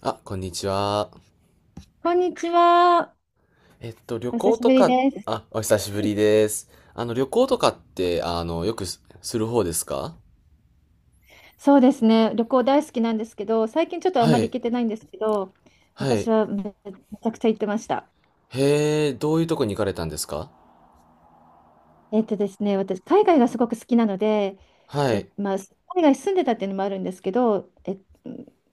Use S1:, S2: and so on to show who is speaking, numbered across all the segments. S1: あ、こんにちは。
S2: こんにちは。
S1: 旅
S2: お久
S1: 行
S2: しぶ
S1: と
S2: り
S1: か、
S2: です。
S1: あ、お久し
S2: は
S1: ぶり
S2: い。
S1: です。あの、旅行とかって、あの、よくす、する方ですか？
S2: そうですね、旅行大好きなんですけど、最近ちょっとあん
S1: は
S2: まり
S1: い、
S2: 行けてないんですけど、
S1: は
S2: 昔
S1: い。
S2: はめ、めちゃくちゃ行ってました。
S1: へえ、どういうとこに行かれたんですか？
S2: えっとですね、私、海外がすごく好きなので、
S1: は
S2: え、
S1: い、
S2: まあ、海外住んでたっていうのもあるんですけど、え、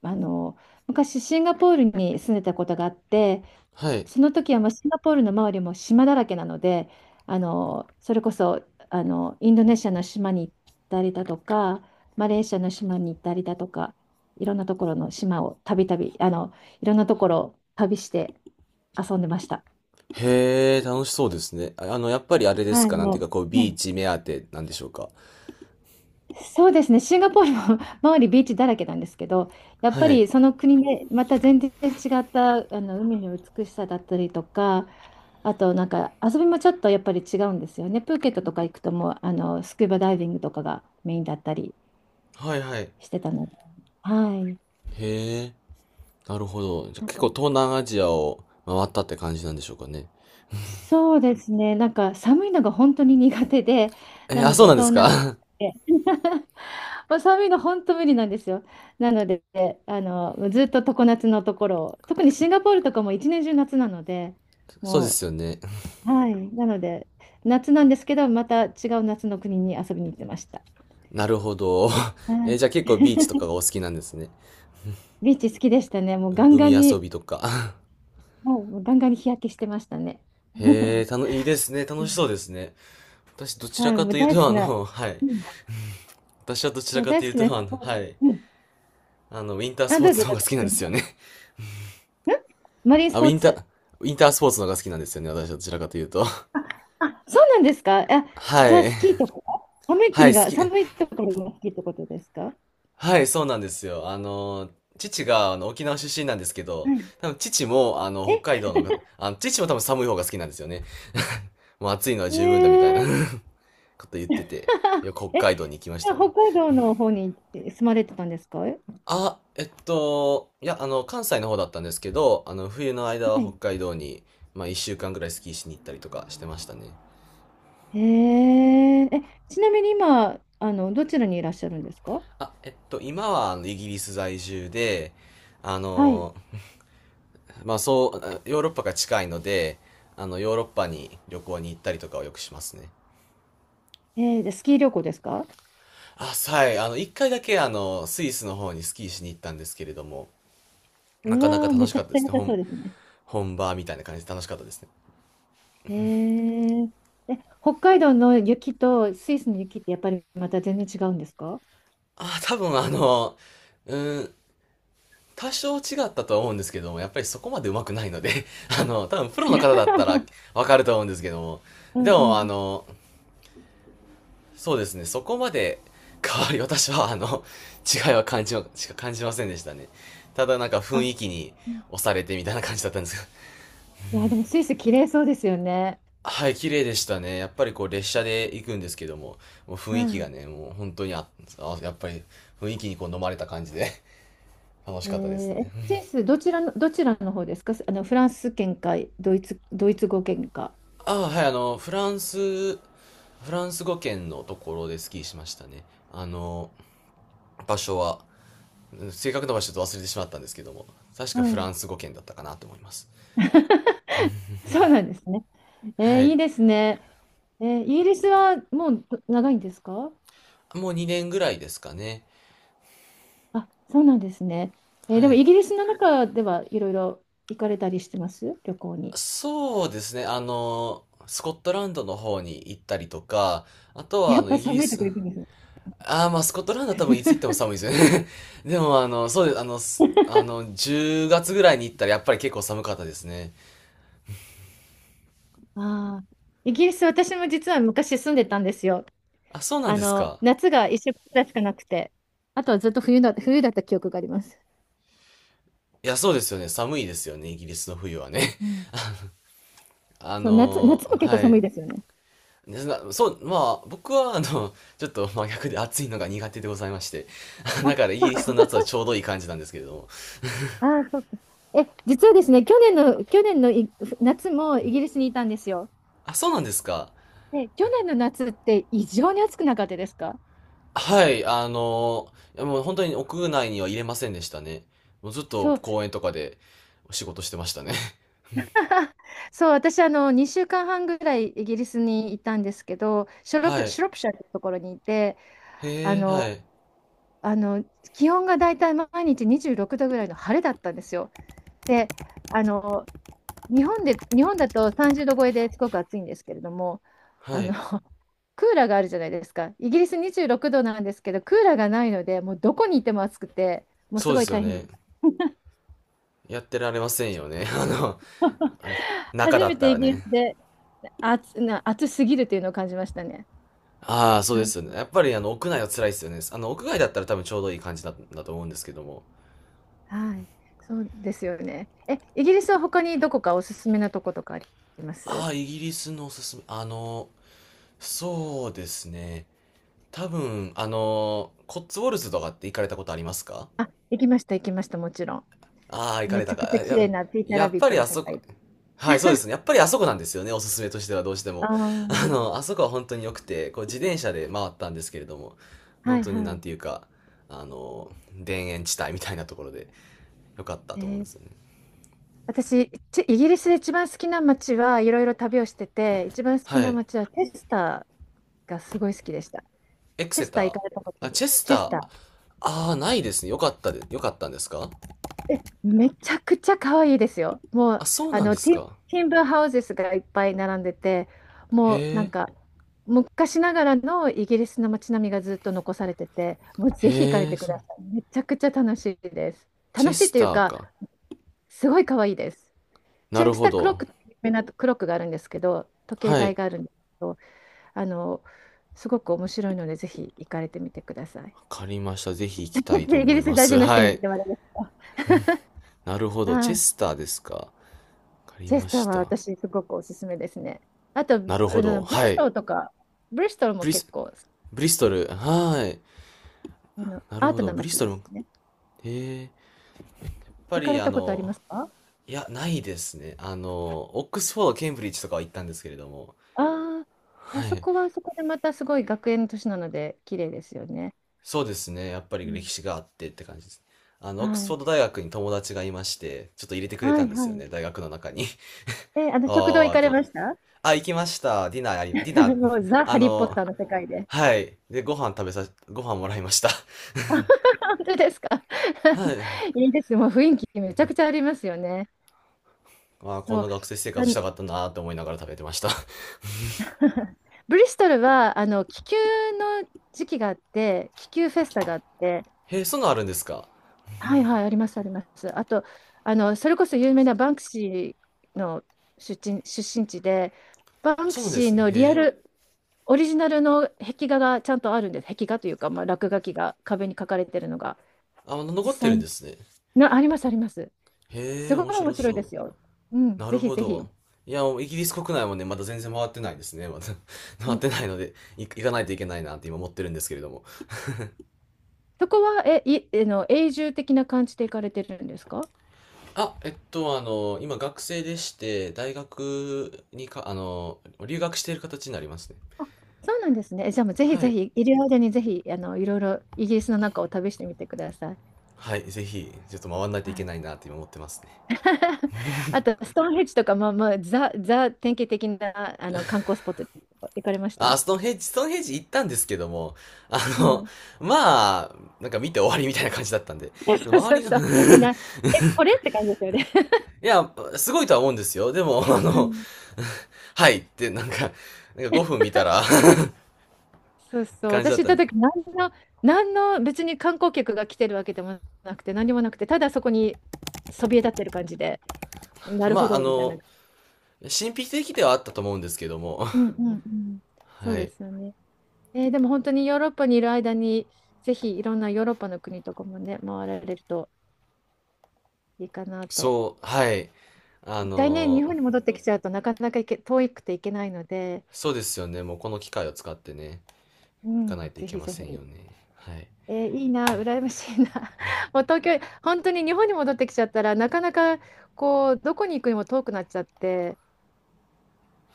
S2: あの、昔シンガポールに住んでたことがあって、
S1: はい。
S2: その時はもうシンガポールの周りも島だらけなので、それこそインドネシアの島に行ったりだとか、マレーシアの島に行ったりだとか、いろんなところの島をたびたび、いろんなところを旅して遊んでました。
S1: へえ、楽しそうですね。あ、あの、やっぱりあれで
S2: は
S1: す
S2: い、
S1: か、なんていうか、
S2: も
S1: こう、
S2: う、は
S1: ビー
S2: い、
S1: チ目当てなんでしょうか。
S2: そうですね、シンガポールも 周りビーチだらけなんですけど、やっぱ
S1: はい、
S2: りその国でまた全然違ったあの海の美しさだったりとか、あとなんか遊びもちょっとやっぱり違うんですよね。プーケットとか行くともうあのスキューバダイビングとかがメインだったり
S1: はい、はい。
S2: してたので、はい。
S1: へえ、なるほど。じゃ、
S2: なん
S1: 結
S2: か
S1: 構東南アジアを回ったって感じなんでしょうかね。
S2: そうですね、なんか寒いのが本当に苦手で、
S1: え
S2: な
S1: ー、あ、
S2: の
S1: そう
S2: で
S1: なんで
S2: 東
S1: す
S2: 南アジ
S1: か？
S2: アで まあ、寒いの本当無理なんですよ。なので、あの、ずっと常夏のところを、特にシンガポールとかも一年中夏なので、
S1: そうで
S2: も
S1: すよね。
S2: う、はい、なので、夏なんですけど、また違う夏の国に遊びに行ってました。
S1: なるほど。
S2: は
S1: えー、
S2: い。
S1: じゃあ結構ビーチとかが お好きなんですね。
S2: ビーチ好きでしたね。もうガンガ
S1: 海
S2: ンに、は
S1: 遊
S2: い、
S1: びとか。
S2: もうガンガンに日焼けしてましたね。
S1: へえ、いいですね。
S2: う
S1: 楽しそ
S2: ん。
S1: うですね。私どちら
S2: はい、
S1: か
S2: もう
S1: という
S2: 大好
S1: と
S2: き
S1: あ
S2: な、
S1: の、はい。
S2: うん、
S1: 私はどちら
S2: そう
S1: か
S2: 大
S1: と
S2: 好
S1: いう
S2: き
S1: と
S2: なス
S1: あの、
S2: ポー
S1: は
S2: ツ。
S1: い。
S2: うん、
S1: あの、ウィンタース
S2: あ、
S1: ポー
S2: どう
S1: ツ
S2: ぞ
S1: の
S2: ど
S1: 方
S2: う
S1: が好
S2: ぞ。
S1: きなん
S2: す
S1: で
S2: み
S1: すよ
S2: ま
S1: ね。
S2: せんんマリ ンス
S1: あ、
S2: ポーツ。
S1: ウィンタースポーツの方が好きなんですよね。私はどちらかというと。
S2: あ、そうなんですか。あ、
S1: は
S2: じゃあ
S1: い。
S2: スキーとか、
S1: はい、好き。
S2: 寒いところが好きってことですか？
S1: はい、そうなんですよ。あの、父があの沖縄出身なんですけど、
S2: はい。
S1: 多分父もあの
S2: え、
S1: 北海道のが、あの、父も多分寒い方が好きなんですよね。もう暑いのは
S2: え
S1: 十分だみたいな
S2: ー、
S1: こと言ってて、よく 北
S2: え、
S1: 海道に行きまし
S2: じゃ
S1: た
S2: あ
S1: ね。
S2: 北海道の方に住まれてたんですか？え、
S1: あ、いや、あの、関西の方だったんですけど、あの、冬の間は
S2: は
S1: 北
S2: い。
S1: 海道に、まあ、一週間ぐらいスキーしに行ったりとかしてましたね。
S2: えー、え、ちなみに今、あの、どちらにいらっしゃるんですか？
S1: あ、今は、あの、イギリス在住で、あ
S2: はい。
S1: の、まあそうヨーロッパが近いので、あの、ヨーロッパに旅行に行ったりとかをよくしますね。
S2: えー、じゃあスキー旅行ですか？
S1: あ、はい、あの、一回だけあの、スイスの方にスキーしに行ったんですけれども、
S2: う
S1: なかなか
S2: わー、
S1: 楽
S2: め
S1: し
S2: ちゃ
S1: かっ
S2: く
S1: たで
S2: ちゃ
S1: す
S2: 良
S1: ね。
S2: さそうですね。
S1: 本場みたいな感じで楽しかったですね。
S2: えー、北海道の雪とスイスの雪ってやっぱりまた全然違うんですか？
S1: あ、多分あの、うん、多少違ったとは思うんですけども、やっぱりそこまで上手くないので、あの、多分プロの方だったら わかると思うんですけども、
S2: う
S1: で
S2: ん
S1: も
S2: う
S1: あ
S2: ん。
S1: の、そうですね、そこまで 変わり、私はあの、違いは感じま、しか感じませんでしたね。ただなんか雰
S2: あ
S1: 囲気に押されてみたいな感じだったんですけど。
S2: いや、でもスイス綺麗そうですよね。
S1: はい、綺麗でしたね。やっぱりこう列車で行くんですけども、もう雰囲気が
S2: は
S1: ね、もう本当にやっぱり雰囲気にこう飲まれた感じで 楽し
S2: い。え
S1: かったです
S2: ー、
S1: ね。
S2: え スイスどちらの方ですか？あの、フランス圏か、ドイツ語圏か。
S1: ああ、はい、あの、フランス語圏のところでスキーしましたね。あの、場所は、正確な場所ちょっと忘れてしまったんですけども、確
S2: は
S1: かフラ
S2: い。
S1: ンス語圏だったかなと思います。
S2: そうなんですね。えー、
S1: は
S2: い
S1: い。
S2: いですね。えー、イギリスはもう長いんですか？
S1: もう2年ぐらいですかね。
S2: あ、そうなんですね。えー、で
S1: は
S2: も
S1: い。
S2: イギリスの中ではいろいろ行かれたりしてます旅行に？
S1: そうですね。あの、スコットランドの方に行ったりとか、あとはあ
S2: やっ
S1: の、
S2: ぱ
S1: イギリ
S2: 寒いと
S1: ス、
S2: こ行くんですね。
S1: ああ、まあ、スコットランドは多分いつ行っても寒いですよね。でもあの、そうです。あの、10月ぐらいに行ったらやっぱり結構寒かったですね。
S2: ああ、イギリス私も実は昔住んでたんですよ。
S1: あ、そうなん
S2: あ
S1: です
S2: の、
S1: か。
S2: 夏が一色くらいしかなくて、あとはずっと冬だった記憶があります。
S1: いや、そうですよね。寒いですよね。イギリスの冬はね。
S2: うん。
S1: あ
S2: そう、夏
S1: の、
S2: も結構
S1: は
S2: 寒い
S1: い。
S2: ですよね。
S1: でなそう、まあ、あの、ちょっと真逆で暑いのが苦手でございまして。
S2: あ、
S1: だから、イ
S2: そ
S1: ギ
S2: う
S1: リスの
S2: か。
S1: 夏はちょうどいい感じなんですけれども。
S2: あー、そうか。え、実はですね、去年の夏もイギリスにいたんですよ。
S1: あ、そうなんですか。
S2: で、去年の夏って異常に暑くなかったですか？
S1: はい、あの、いやもう本当に屋内には入れませんでしたね。もうずっと
S2: そう、
S1: 公園とかで仕事してましたね。
S2: そう、私、あの、2週間半ぐらいイギリスにいたんですけど、
S1: はい。
S2: シュロプシャーってところにいて、あ
S1: へえ、は
S2: の、
S1: い。
S2: あの、気温がだいたい毎日26度ぐらいの晴れだったんですよ。で、あの、日本だと30度超えですごく暑いんですけれども、あ
S1: は
S2: の、
S1: い。
S2: クーラーがあるじゃないですか。イギリス26度なんですけど、クーラーがないので、もうどこにいても暑くて、もうす
S1: そう
S2: ご
S1: で
S2: い
S1: すよ
S2: 大変で
S1: ね。
S2: す。
S1: やってられませんよね。あの、あの中
S2: 初
S1: だ
S2: め
S1: った
S2: てイ
S1: ら
S2: ギリ
S1: ね。
S2: スで暑すぎるというのを感じましたね。
S1: ああ、そうで
S2: はい、
S1: すよね。やっぱりあの、屋内は辛いですよね。あの、屋外だったら多分ちょうどいい感じだ、だと思うんですけども。
S2: はい、そうですよね。え、イギリスは他にどこかおすすめなとことかあります？
S1: ああ、イギリスのおすすめ。あの、そうですね。多分、あの、コッツウォルズとかって行かれたことありますか？
S2: あ、行きました、もちろん。
S1: ああ、行か
S2: め
S1: れ
S2: ち
S1: た
S2: ゃ
S1: か。
S2: くちゃ綺麗なピーター
S1: や
S2: ラ
S1: っ
S2: ビッ
S1: ぱ
S2: ト
S1: り
S2: の
S1: あ
S2: 世
S1: そこ、
S2: 界。
S1: はい、そうですね。やっぱりあそこなんですよね。おすすめとしてはどうして
S2: あ
S1: も。あ
S2: あ、
S1: の、あそこは本当に良くて、こう自転車で回ったんですけれども、
S2: は
S1: 本
S2: い
S1: 当に
S2: は
S1: なん
S2: い。
S1: ていうか、あの、田園地帯みたいなところで良かった
S2: え
S1: と思うん
S2: ー、
S1: ですよね。
S2: 私、ちイギリスで一番好きな街はいろいろ旅をしてて、一番好き
S1: は
S2: な
S1: い。
S2: 街はチェスターがすごい好きでした。
S1: エク
S2: チェ
S1: セ
S2: ス
S1: タ
S2: ター行
S1: ー。
S2: かれたことあ
S1: あ、
S2: り、
S1: チェスタ
S2: チェ
S1: ー。
S2: スタ
S1: ああ、ないですね。良かったんですか？
S2: ー。え、めちゃくちゃ可愛いですよ。もう、
S1: あ、そう
S2: あ
S1: なんで
S2: の、
S1: すか。
S2: ティンブーハウゼスがいっぱい並んでて、
S1: へ
S2: もうなん
S1: え、
S2: か、昔ながらのイギリスの街並みがずっと残されてて、もうぜひ行かれ
S1: へえ、
S2: てく
S1: そう。
S2: ださい。めちゃくちゃ楽しいです。
S1: チェ
S2: 楽しい
S1: ス
S2: という
S1: ター
S2: か、
S1: か。
S2: すごい可愛いです。チ
S1: な
S2: ェ
S1: る
S2: ス
S1: ほ
S2: タークロッ
S1: ど。
S2: クって有名なクロックがあるんですけど、時計
S1: は
S2: 台
S1: い。
S2: があるんですけど、あの、すごく面白いので、ぜひ行かれてみてください。
S1: わかりました。ぜひ行きたいと
S2: イギ
S1: 思い
S2: リス
S1: ま
S2: 在住
S1: す。
S2: の人
S1: は
S2: に言
S1: い。
S2: ってもらいまし
S1: なるほ
S2: た。
S1: ど。
S2: は
S1: チェ
S2: い、
S1: スターですか。わかり
S2: チェ
S1: ま
S2: スター
S1: し
S2: は
S1: た。
S2: 私、すごくおすすめですね。あと、あ
S1: なるほど。
S2: の、ブリ
S1: は
S2: ス
S1: い。
S2: トルとか、ブリストルも
S1: ブリス、
S2: 結構、
S1: ブリストル。はい。
S2: あの、
S1: なる
S2: アー
S1: ほ
S2: ト
S1: ど。
S2: な
S1: ブリス
S2: 街
S1: ト
S2: で
S1: ルも、
S2: すね。
S1: へえ。やっぱ
S2: 行か
S1: り
S2: れ
S1: あ
S2: たことあり
S1: の、
S2: ますか？
S1: いや、ないですね。あの、オックスフォード、ケンブリッジとかは行ったんですけれども。
S2: ああ、あ
S1: は
S2: そ
S1: い。
S2: こはあそこでまたすごい学園都市なので、綺麗ですよね。
S1: そうですね。やっぱ
S2: う
S1: り歴
S2: ん。
S1: 史があってって感じです。あの、オックス
S2: は
S1: フォ
S2: い。
S1: ード大学に友達がいまして、ちょっと入れてくれ
S2: は
S1: た
S2: い
S1: んです
S2: は
S1: よ
S2: い。
S1: ね、大学の中に。
S2: え、あの、食堂
S1: あ
S2: 行
S1: あ、っ
S2: か
S1: て
S2: れ
S1: なる、
S2: ました？
S1: あ、行きました。ディナ ー、
S2: もう ザ・
S1: あ
S2: ハリー・ポッタ
S1: の、
S2: ーの世界で。
S1: はい。で、ご飯食べさ、ご飯もらいました。
S2: 本当ですか？
S1: はい。
S2: いいです、もう雰囲気めちゃくちゃありますよね。
S1: まあー、こん
S2: そう。
S1: な学生生
S2: あ
S1: 活し
S2: の
S1: たかったなーって思いながら食べてました。
S2: ブリストルは、あの、気球の時期があって、気球フェスタがあって、
S1: へえ、そんなのあるんですか？
S2: はいはい、あります。あと、あの、それこそ有名なバンクシーの出身地で、バンク
S1: そうなんで
S2: シー
S1: すね。
S2: の
S1: へ
S2: リア
S1: え。
S2: ル、オリジナルの壁画がちゃんとあるんです。壁画というか、まあ、落書きが壁に書かれてるのが、
S1: あ、まだ
S2: 実
S1: 残って
S2: 際
S1: るん
S2: に、
S1: ですね。
S2: あります、あります。
S1: へ
S2: す
S1: え、
S2: ごい
S1: 面
S2: 面
S1: 白
S2: 白いで
S1: そ
S2: すよ。う
S1: う。
S2: ん、
S1: な
S2: ぜ
S1: る
S2: ひ
S1: ほ
S2: ぜひ。
S1: ど。いや、もうイギリス国内もね、まだ全然回ってないですね。まだ
S2: う
S1: 回っ
S2: ん、
S1: てないので、行かないといけないなって今思ってるんですけれども。
S2: そこは、あの、永住的な感じで行かれてるんですか？
S1: あ、あの、今学生でして、大学にか、あの、留学している形になりますね。
S2: そうなんですね。え、じゃあもうぜひ
S1: は
S2: ぜ
S1: い。
S2: ひ、いる間にぜひ、あの、いろいろイギリスの中を旅してみてください。
S1: はい、ぜひ、ちょっと回んないと
S2: は
S1: いけ
S2: い。
S1: ないなって今思ってますね。
S2: あと、ストーンヘッジとか、まあまあ、典型的な、あの、観光スポット行かれまし
S1: あ、
S2: た？
S1: ストーンヘッジ行ったんですけども、あ
S2: う
S1: の、
S2: ん。
S1: まあ、なんか見て終わりみたいな感じだったんで、
S2: そう
S1: 周
S2: そう
S1: りの
S2: そう。え、な、え、これって感じですよね。
S1: いや、すごいとは思うんですよ。でも、あ
S2: う
S1: の、
S2: ん。
S1: はいってなんか、なんか5分見たら
S2: そう そう。
S1: 感じだ
S2: 私
S1: っ
S2: 行っ
S1: たん
S2: た
S1: で、
S2: 時、何の別に観光客が来てるわけでもなくて、何もなくて、ただそこにそびえ立ってる感じで、なる
S1: ま
S2: ほ
S1: あ、あ
S2: ど、みたいな。
S1: の、神秘的ではあったと思うんですけども、
S2: うんうんうん。そう
S1: は
S2: で
S1: い。
S2: すよね。えー、でも本当にヨーロッパにいる間に、ぜひいろんなヨーロッパの国とかもね、回られるといいかなと。
S1: そう、はい。あ
S2: 一回ね、日
S1: の、
S2: 本に戻ってきちゃうとなかなか遠くて行けないので、
S1: そうですよね。もうこの機会を使ってね、
S2: う
S1: 行かない
S2: ん、
S1: とい
S2: ぜ
S1: け
S2: ひ
S1: ま
S2: ぜ
S1: せ
S2: ひ。
S1: んよね。はい。
S2: えー、いいな、羨ましいな。もう東京、本当に日本に戻ってきちゃったらなかなかこうどこに行くにも遠くなっちゃって、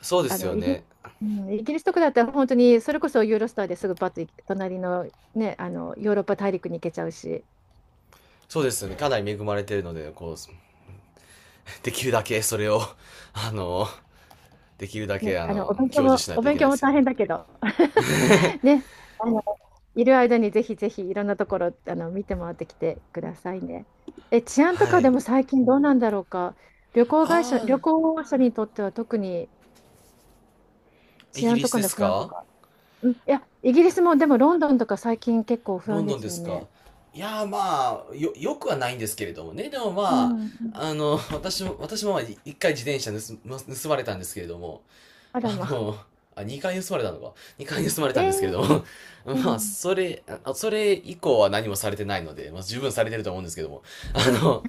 S1: そうで
S2: あ
S1: す
S2: の
S1: よ
S2: イギ、
S1: ね。
S2: うんイギリスとかだったら本当にそれこそユーロスターですぐパッと行け隣の、ね、あのヨーロッパ大陸に行けちゃうし、
S1: そうですよね。かなり恵まれてるので、こう、できるだけ それを、あの、できるだ
S2: ね、
S1: け、あの、享受しない
S2: お
S1: とい
S2: 勉
S1: けな
S2: 強
S1: いで
S2: も
S1: すよ
S2: 大
S1: ね。
S2: 変だけど、ね、あのいる間にぜひぜひいろんなところあの見て回ってきてくださいね。え、治安と
S1: は
S2: かで
S1: い。
S2: も最近どうなんだろうか。旅行会社、
S1: ああ、
S2: 旅行者にとっては特に。
S1: イ
S2: 治
S1: ギ
S2: 安
S1: リ
S2: と
S1: ス
S2: か
S1: で
S2: の
S1: す
S2: 不安と
S1: か？
S2: か。うん、いや、イギリスもでもロンドンとか最近結構不
S1: ロ
S2: 安
S1: ン
S2: で
S1: ドンで
S2: すよ
S1: すか？
S2: ね。
S1: いやー、まあ、よくはないんですけれどもね。でも
S2: う
S1: まあ、
S2: ん。
S1: あの、私もまあ一回自転車盗まれたんですけれども、
S2: あら
S1: あ
S2: まあ。
S1: の、あ、2回盗まれたのか。2回盗まれ
S2: え
S1: たんですけれ
S2: ー、
S1: ども、
S2: う
S1: まあ、
S2: ん。
S1: あ、それ以降は何もされてないので、まあ、十分されてると思うんですけども、あの、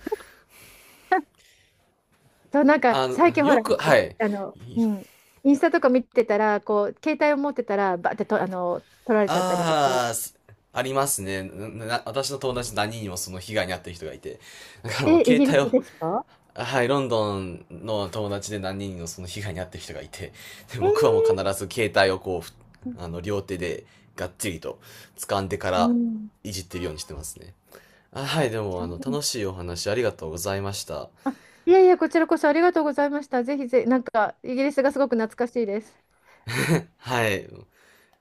S2: そう、なんか
S1: あの、
S2: 最近ほ
S1: よ
S2: ら、
S1: く、はい。
S2: あの、うん、インスタとか見てたら、こう、携帯を持ってたら、バーってと、あの、取られちゃったりとか。
S1: ああ、ありますね。な、私の友達何人にもその被害に遭ってる人がいて、だからもう
S2: え、イ
S1: 携
S2: ギリ
S1: 帯を、
S2: スですか？
S1: はい、ロンドンの友達で何人もその被害に遭ってる人がいて、で、
S2: え
S1: 僕はもう必
S2: ー、
S1: ず携帯をこう、あの、両手でがっちりと掴んでか
S2: う
S1: ら
S2: ん。
S1: いじってるようにしてますね。あ、はい、でも、
S2: そ
S1: あの、
S2: う、
S1: 楽しいお話ありがとうございました。
S2: いやいや、こちらこそありがとうございました。ぜひぜ、なんか、イギリスがすごく懐かしいです。
S1: はい。